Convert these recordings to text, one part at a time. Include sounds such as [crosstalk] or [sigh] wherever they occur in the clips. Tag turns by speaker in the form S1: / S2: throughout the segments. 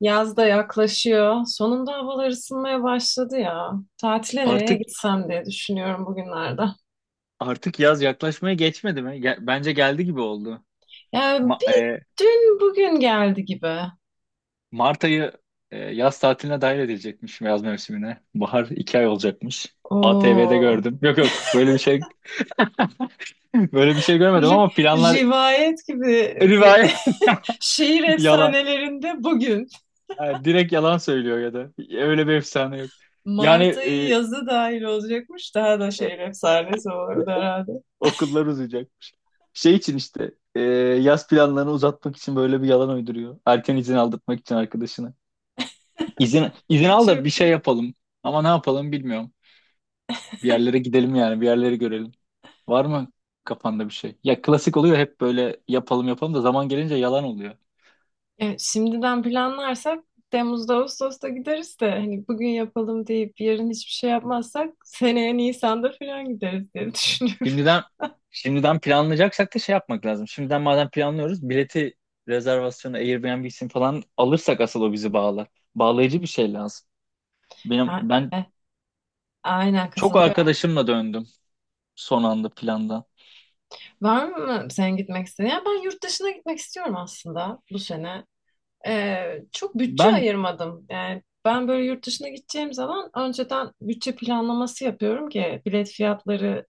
S1: Yaz da yaklaşıyor. Sonunda havalar ısınmaya başladı ya. Tatile nereye
S2: Artık
S1: gitsem diye düşünüyorum bugünlerde.
S2: artık yaz yaklaşmaya geçmedi mi? Bence geldi gibi oldu.
S1: Yani
S2: Ma-
S1: bir
S2: e,
S1: dün bugün geldi gibi.
S2: Mart ayı yaz tatiline dahil edilecekmiş yaz mevsimine. Bahar 2 ay olacakmış. ATV'de
S1: Oo.
S2: gördüm. Yok yok, böyle bir şey [laughs] böyle bir şey görmedim
S1: ri-
S2: ama planlar
S1: rivayet gibi bir
S2: rivayet
S1: [laughs] şehir
S2: [laughs] yalan.
S1: efsanelerinde bugün.
S2: Ha, direkt yalan söylüyor ya da öyle bir efsane yok. Yani
S1: Mart ayı yazı dahil olacakmış. Daha da
S2: e,
S1: şehir
S2: e,
S1: efsanesi olurdu herhalde.
S2: okullar uzayacak. Şey için işte yaz planlarını uzatmak için böyle bir yalan uyduruyor. Erken izin aldırtmak için arkadaşına. İzin al da bir
S1: Çok
S2: şey
S1: iyi.
S2: yapalım. Ama ne yapalım, bilmiyorum. Bir yerlere gidelim yani, bir yerleri görelim. Var mı kafanda bir şey? Ya klasik oluyor, hep böyle yapalım yapalım da zaman gelince yalan oluyor.
S1: Şimdiden planlarsak Temmuz'da Ağustos'ta gideriz de hani bugün yapalım deyip yarın hiçbir şey yapmazsak seneye Nisan'da falan gideriz diye düşünüyorum.
S2: Şimdiden
S1: [laughs]
S2: şimdiden planlayacaksak da şey yapmak lazım. Şimdiden madem planlıyoruz, bileti, rezervasyonu, Airbnb'sini falan alırsak asıl o bizi bağlar. Bağlayıcı bir şey lazım. Benim
S1: Ha,
S2: ben
S1: e, aynen
S2: çok
S1: katılıyorum.
S2: arkadaşımla döndüm son anda plandan.
S1: Var mı sen gitmek istediğin? Ya ben yurt dışına gitmek istiyorum aslında bu sene. Çok bütçe
S2: Ben
S1: ayırmadım. Yani ben böyle yurt dışına gideceğim zaman önceden bütçe planlaması yapıyorum ki bilet fiyatları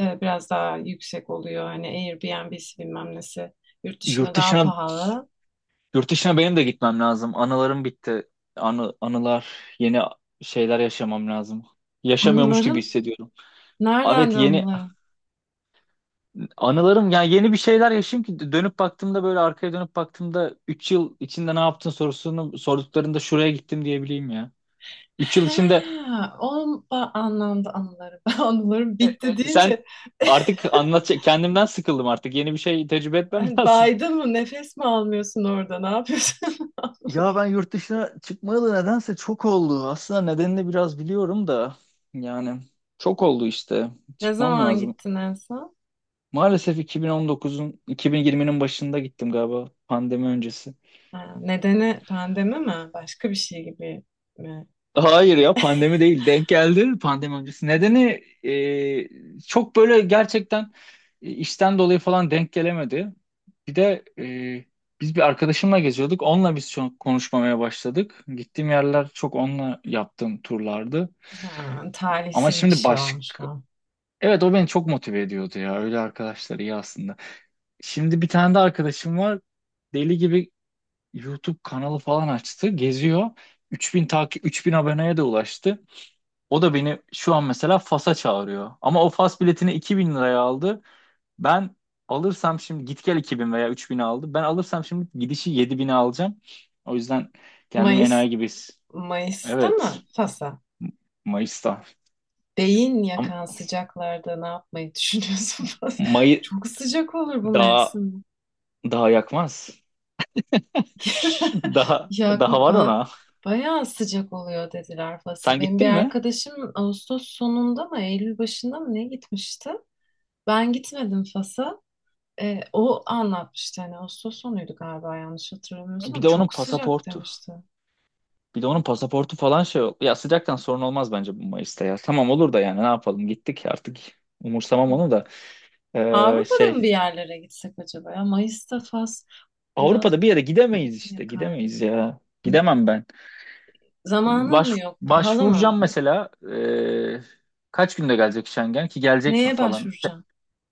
S1: biraz daha yüksek oluyor. Hani Airbnb'si bilmem nesi yurt dışında
S2: yurt
S1: daha
S2: dışına
S1: pahalı.
S2: Yurt dışına benim de gitmem lazım. Anılarım bitti. Anı, anılar, Yeni şeyler yaşamam lazım. Yaşamıyormuş gibi
S1: Anılarım?
S2: hissediyorum.
S1: Nereden
S2: Evet,
S1: de
S2: yeni
S1: anılarım?
S2: anılarım, yani yeni bir şeyler yaşayayım ki dönüp baktığımda, böyle arkaya dönüp baktığımda 3 yıl içinde ne yaptın sorusunu sorduklarında şuraya gittim diyebileyim ya. 3 yıl
S1: He,
S2: içinde
S1: o anlamda anılarım. [laughs] Ben anılarım bitti deyince
S2: sen
S1: [laughs]
S2: artık anlat, kendimden sıkıldım, artık yeni bir şey tecrübe etmem [laughs]
S1: hani
S2: lazım.
S1: baydın mı nefes mi almıyorsun orada ne yapıyorsun?
S2: Ya ben yurt dışına çıkmayalı nedense çok oldu. Aslında nedenini biraz biliyorum da, yani çok oldu işte.
S1: [laughs] Ne
S2: Çıkmam
S1: zaman
S2: lazım.
S1: gittin en son?
S2: Maalesef 2019'un 2020'nin başında gittim galiba, pandemi öncesi.
S1: Ha, nedeni pandemi mi? Başka bir şey gibi mi?
S2: Hayır ya, pandemi değil, denk geldi pandemi öncesi. Nedeni çok böyle gerçekten işten dolayı falan denk gelemedi. Bir de biz bir arkadaşımla geziyorduk. Onunla biz çok konuşmamaya başladık. Gittiğim yerler çok onunla yaptığım turlardı.
S1: Ha,
S2: Ama
S1: talihsiz bir
S2: şimdi
S1: şey olmuş
S2: başka...
S1: o.
S2: Evet, o beni çok motive ediyordu ya. Öyle arkadaşlar iyi aslında. Şimdi bir tane de arkadaşım var. Deli gibi YouTube kanalı falan açtı. Geziyor. 3.000 aboneye de ulaştı. O da beni şu an mesela Fas'a çağırıyor. Ama o Fas biletini 2.000 liraya aldı. Ben alırsam şimdi git gel 2.000 veya 3.000 aldı. Ben alırsam şimdi gidişi 7.000'e alacağım. O yüzden kendimi
S1: Mayıs,
S2: enayi gibi.
S1: Mayıs'ta
S2: Evet.
S1: mı? Fas'a.
S2: Mayıs'ta.
S1: Beyin
S2: Ama
S1: yakan sıcaklarda ne yapmayı düşünüyorsun [laughs] Fas?
S2: May
S1: Çok sıcak olur bu
S2: daha
S1: mevsim.
S2: daha yakmaz.
S1: [laughs]
S2: [laughs] Daha
S1: Ya
S2: daha var ona.
S1: bayağı sıcak oluyor dediler Fas'a.
S2: Sen
S1: Benim bir
S2: gittin mi?
S1: arkadaşım Ağustos sonunda mı Eylül başında mı ne gitmişti? Ben gitmedim Fas'a. O anlatmıştı hani Ağustos sonuydu galiba yanlış
S2: Bir
S1: hatırlamıyorsam.
S2: de onun
S1: Çok sıcak
S2: pasaportu.
S1: demişti.
S2: Bir de onun pasaportu falan şey. Ya, sıcaktan sorun olmaz bence bu Mayıs'ta ya. Tamam olur da, yani ne yapalım, gittik artık. Umursamam onu da. Ee,
S1: Avrupa'da
S2: şey
S1: mı bir yerlere gitsek acaba ya? Mayıs'ta Fas biraz
S2: Avrupa'da bir yere gidemeyiz
S1: beyin
S2: işte.
S1: yakar ya.
S2: Gidemeyiz ya.
S1: Ne-
S2: Gidemem ben.
S1: Zamanın
S2: Baş,
S1: mı yok? Pahalı mı?
S2: başvuracağım mesela. Kaç günde gelecek Schengen, ki gelecek mi
S1: Neye
S2: falan.
S1: başvuracağım?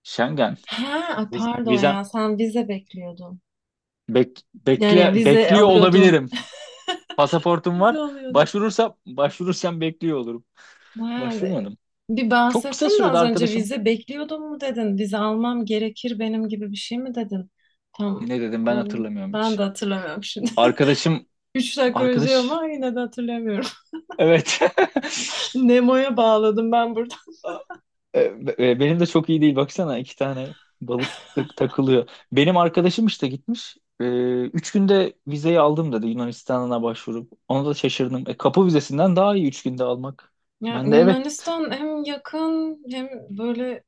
S2: Schengen.
S1: Ha, ay pardon
S2: Vizem
S1: ya sen vize bekliyordun. Yani vize
S2: bekliyor
S1: alıyordun.
S2: olabilirim. Pasaportum
S1: Vize
S2: var.
S1: alıyordum.
S2: Başvurursam bekliyor olurum.
S1: Yani
S2: Başvurmadım.
S1: bir
S2: Çok kısa
S1: bahsettin de
S2: sürede
S1: az önce
S2: arkadaşım,
S1: vize bekliyordum mu dedin? Vize almam gerekir benim gibi bir şey mi dedin? Tam
S2: ne dedim
S1: e,
S2: ben, hatırlamıyorum
S1: Ben de
S2: hiç.
S1: hatırlamıyorum şimdi.
S2: Arkadaşım
S1: [laughs] Üç dakika önce
S2: arkadaş
S1: ama yine de hatırlamıyorum.
S2: evet.
S1: [laughs]
S2: [laughs]
S1: Nemo'ya bağladım ben burada.
S2: E, Benim de çok iyi değil, baksana iki tane balık takılıyor. Benim arkadaşım işte gitmiş. 3 günde vizeyi aldım dedi Yunanistan'a başvurup. Ona da şaşırdım. Kapı vizesinden daha iyi 3 günde almak.
S1: Ya
S2: Ben de evet.
S1: Yunanistan hem yakın hem böyle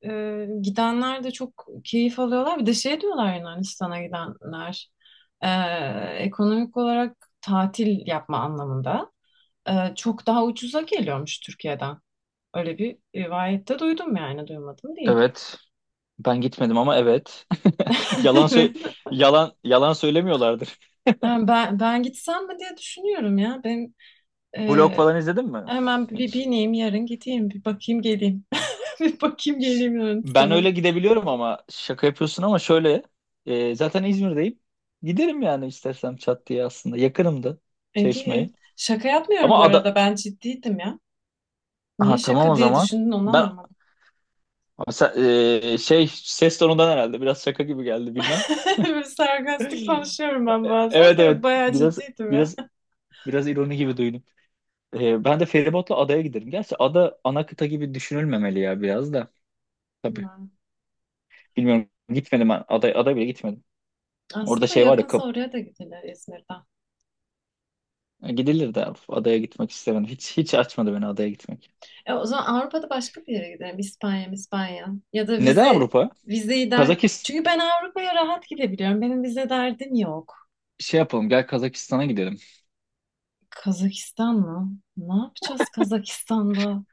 S1: gidenler de çok keyif alıyorlar. Bir de şey diyorlar Yunanistan'a gidenler. e, Ekonomik olarak tatil yapma anlamında. Çok daha ucuza geliyormuş Türkiye'den. Öyle bir rivayette duydum yani duymadım değil.
S2: Evet. Ben gitmedim ama evet. Yalan sö
S1: [laughs]
S2: yalan Yalan söylemiyorlardır.
S1: Yani ben gitsem mi diye düşünüyorum ya. Ben
S2: Blog
S1: e,
S2: falan izledin mi?
S1: hemen bir
S2: Hiç.
S1: bineyim yarın gideyim bir bakayım geleyim. [laughs] Bir bakayım
S2: Hiç.
S1: geleyim
S2: Ben
S1: Yunanistan'a.
S2: öyle gidebiliyorum ama şaka yapıyorsun, ama şöyle zaten İzmir'deyim. Giderim yani istersem çat diye aslında. Yakınım da Çeşme'ye.
S1: Ege şaka yapmıyorum
S2: Ama
S1: bu
S2: ada
S1: arada ben ciddiydim ya. Niye
S2: ha tamam
S1: şaka
S2: o
S1: diye
S2: zaman.
S1: düşündün onu
S2: Ben
S1: anlamadım.
S2: Abi sen- e, şey, ses tonundan herhalde biraz şaka gibi geldi, bilmem.
S1: [laughs] Böyle sarkastik
S2: [laughs]
S1: konuşuyorum ben bazen
S2: Evet,
S1: de
S2: evet,
S1: yok, bayağı ciddiydim ya.
S2: biraz biraz ironi gibi duydum. Ben de feribotla adaya giderim. Gerçi ada ana kıta gibi düşünülmemeli ya, biraz da. Tabii.
S1: Hmm.
S2: Bilmiyorum, gitmedim ben. Aday bile gitmedim. Orada
S1: Aslında
S2: şey var ya,
S1: yakınsa oraya da gidilir İzmir'den.
S2: gidilir de adaya gitmek istemedim. Hiç hiç açmadı beni adaya gitmek.
S1: O zaman Avrupa'da başka bir yere gidelim. İspanya, İspanya. Ya da
S2: Neden
S1: vize
S2: Avrupa?
S1: vizeyi der.
S2: Kazakistan,
S1: Çünkü ben Avrupa'ya rahat gidebiliyorum. Benim vize derdim yok.
S2: şey yapalım, gel Kazakistan'a gidelim.
S1: Kazakistan mı? Ne yapacağız Kazakistan'da?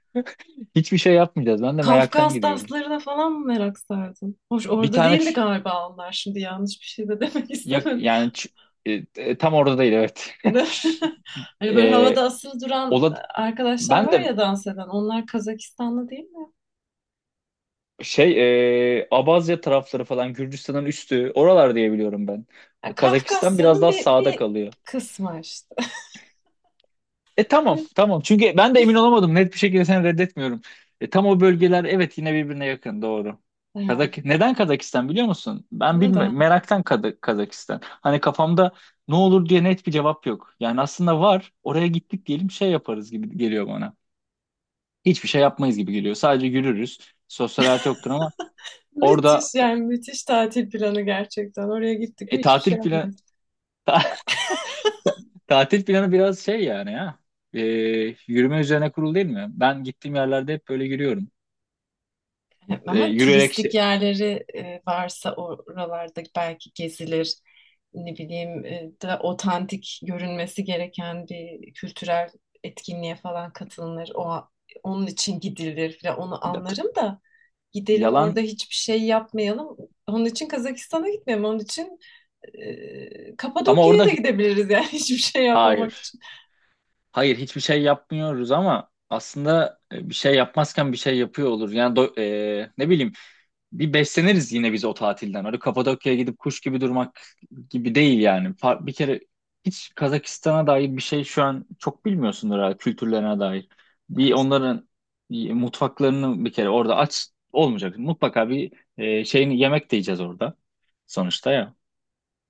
S2: Hiçbir şey yapmayacağız. Ben de meraktan
S1: Kafkas
S2: gidiyorum.
S1: danslarına falan mı merak sardın? Hoş
S2: Bir
S1: orada
S2: tane
S1: değildi
S2: ç-
S1: galiba onlar. Şimdi yanlış bir şey de [laughs] demek
S2: yak
S1: istemedim.
S2: yani ç- e, e, tam orada değil, evet.
S1: De- [laughs]
S2: [laughs]
S1: Hani böyle
S2: e,
S1: havada asılı duran
S2: Ola
S1: arkadaşlar
S2: ben
S1: var
S2: de
S1: ya dans eden. Onlar Kazakistanlı değil mi?
S2: şey Abazya tarafları falan Gürcistan'ın üstü oralar diye biliyorum ben.
S1: Ya
S2: Kazakistan biraz
S1: Kafkasya'nın
S2: daha
S1: bir,
S2: sağda
S1: bir
S2: kalıyor.
S1: kısmı işte.
S2: Tamam,
S1: [laughs]
S2: tamam, çünkü ben de emin olamadım, net bir şekilde seni reddetmiyorum. Tam o bölgeler, evet, yine birbirine yakın, doğru.
S1: Evet.
S2: Neden Kazakistan biliyor musun? Ben
S1: Neden?
S2: meraktan Kazakistan. Hani kafamda ne olur diye net bir cevap yok. Yani aslında var, oraya gittik diyelim şey yaparız gibi geliyor bana. Hiçbir şey yapmayız gibi geliyor. Sadece yürürüz. Sosyal hayat yoktur ama orada
S1: Müthiş yani müthiş tatil planı gerçekten. Oraya gittik mi hiçbir şey
S2: tatil planı
S1: yapmayız.
S2: [laughs] tatil planı biraz şey yani ya. E, Yürüme üzerine kurulu değil mi? Ben gittiğim yerlerde hep böyle yürüyorum.
S1: Evet,
S2: E,
S1: ama
S2: yürüyerek
S1: turistik
S2: şey.
S1: yerleri varsa oralarda belki gezilir. Ne bileyim da otantik görünmesi gereken bir kültürel etkinliğe falan katılınır. Onun için gidilir falan. Onu
S2: Ya t-
S1: anlarım da gidelim orada
S2: Yalan,
S1: hiçbir şey yapmayalım. Onun için Kazakistan'a gitmeyelim. Onun için
S2: ama
S1: Kapadokya'ya
S2: orada
S1: da gidebiliriz yani [laughs] hiçbir şey yapmamak
S2: hayır.
S1: için.
S2: Hayır, hiçbir şey yapmıyoruz ama aslında bir şey yapmazken bir şey yapıyor olur. Yani ne bileyim, bir besleniriz yine biz o tatilden. Öyle Kapadokya'ya gidip kuş gibi durmak gibi değil yani. Bir kere hiç Kazakistan'a dair bir şey şu an çok bilmiyorsundur herhalde, kültürlerine dair. Bir onların mutfaklarını bir kere orada aç olmayacak. Mutlaka bir şeyini yemek de yiyeceğiz orada sonuçta ya.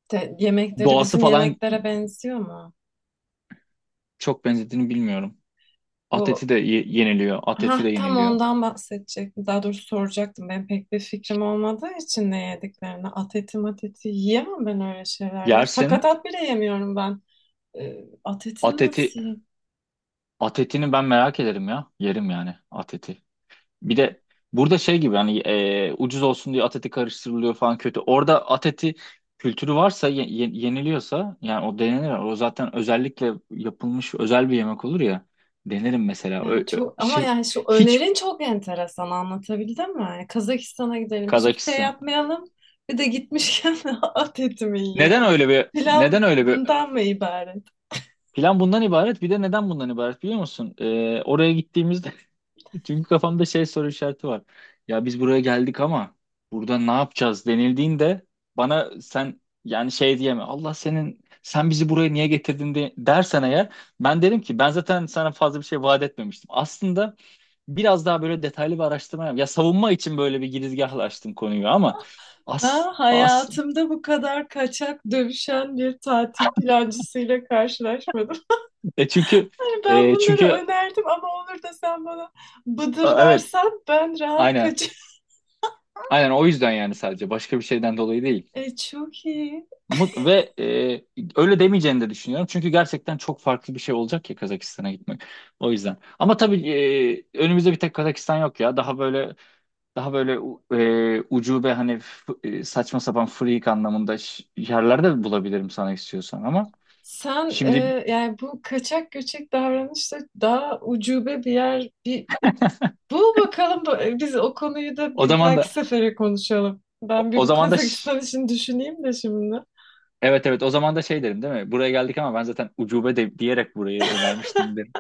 S1: Yemekleri
S2: Doğası
S1: bizim
S2: falan.
S1: yemeklere benziyor mu?
S2: Çok benzediğini bilmiyorum.
S1: Bu
S2: Ateti de yeniliyor. Ateti de
S1: ha, tam
S2: yeniliyor.
S1: ondan bahsedecektim. Daha doğrusu soracaktım. Ben pek bir fikrim olmadığı için ne yediklerini. At eti mat eti yiyemem ben öyle şeyler ya.
S2: Yersin.
S1: Sakatat bile yemiyorum ben. At etini
S2: Ateti
S1: nasıl yiyeyim?
S2: Atetini ben merak ederim ya. Yerim yani Ateti. Bir de burada şey gibi, hani ucuz olsun diye Ateti karıştırılıyor falan, kötü. Orada Ateti kültürü varsa yeniliyorsa, yani o denenir. O zaten özellikle yapılmış özel bir yemek olur ya. Denerim mesela.
S1: Yani çok, ama
S2: Şey,
S1: yani şu
S2: hiç
S1: önerin çok enteresan anlatabildim mi? Yani Kazakistan'a gidelim hiçbir şey
S2: Kazakistan.
S1: yapmayalım. Bir de gitmişken [laughs] at etimi
S2: Neden
S1: yiyelim.
S2: öyle bir neden
S1: Plan
S2: öyle bir
S1: bundan mı ibaret?
S2: Plan bundan ibaret. Bir de neden bundan ibaret biliyor musun? Oraya gittiğimizde [laughs] çünkü kafamda şey soru işareti var. Ya biz buraya geldik ama burada ne yapacağız denildiğinde bana sen yani şey diyeme. Allah senin, sen bizi buraya niye getirdin de, dersen eğer ben derim ki ben zaten sana fazla bir şey vaat etmemiştim. Aslında biraz daha böyle detaylı bir araştırma yap. Ya, savunma için böyle bir girizgahla açtım konuyu ama
S1: Ben
S2: as as
S1: hayatımda bu kadar kaçak dövüşen bir tatil plancısıyla karşılaşmadım. [laughs]
S2: e çünkü
S1: Hani ben
S2: e
S1: bunları
S2: çünkü
S1: önerdim ama olur da sen bana
S2: e,
S1: bıdır
S2: evet,
S1: dersen ben rahat
S2: aynen.
S1: kaçarım.
S2: Aynen, o yüzden yani sadece başka bir şeyden dolayı değil.
S1: [laughs] Çok iyi.
S2: Mut ve e, öyle demeyeceğini de düşünüyorum. Çünkü gerçekten çok farklı bir şey olacak ya Kazakistan'a gitmek. O yüzden. Ama tabii önümüzde bir tek Kazakistan yok ya. Daha böyle daha böyle u- e, ucube, hani saçma sapan, freak anlamında, yerler de bulabilirim sana, istiyorsan ama
S1: Sen
S2: şimdi,
S1: yani bu kaçak göçek davranışta daha ucube bir yer bir bul bakalım biz o konuyu da
S2: o
S1: bir
S2: zaman
S1: dahaki
S2: da,
S1: sefere konuşalım.
S2: o,
S1: Ben bir
S2: o
S1: bu
S2: zaman da ş-
S1: Kazakistan için düşüneyim de şimdi.
S2: evet, evet, o zaman da şey derim değil mi? Buraya geldik ama ben zaten ucube de, diyerek burayı önermiştim derim.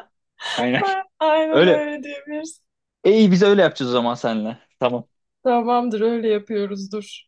S2: Aynen.
S1: [laughs]
S2: [laughs]
S1: Aynen
S2: Öyle.
S1: öyle diyebiliriz.
S2: E iyi biz öyle yapacağız o zaman seninle. Tamam.
S1: Tamamdır öyle yapıyoruz dur.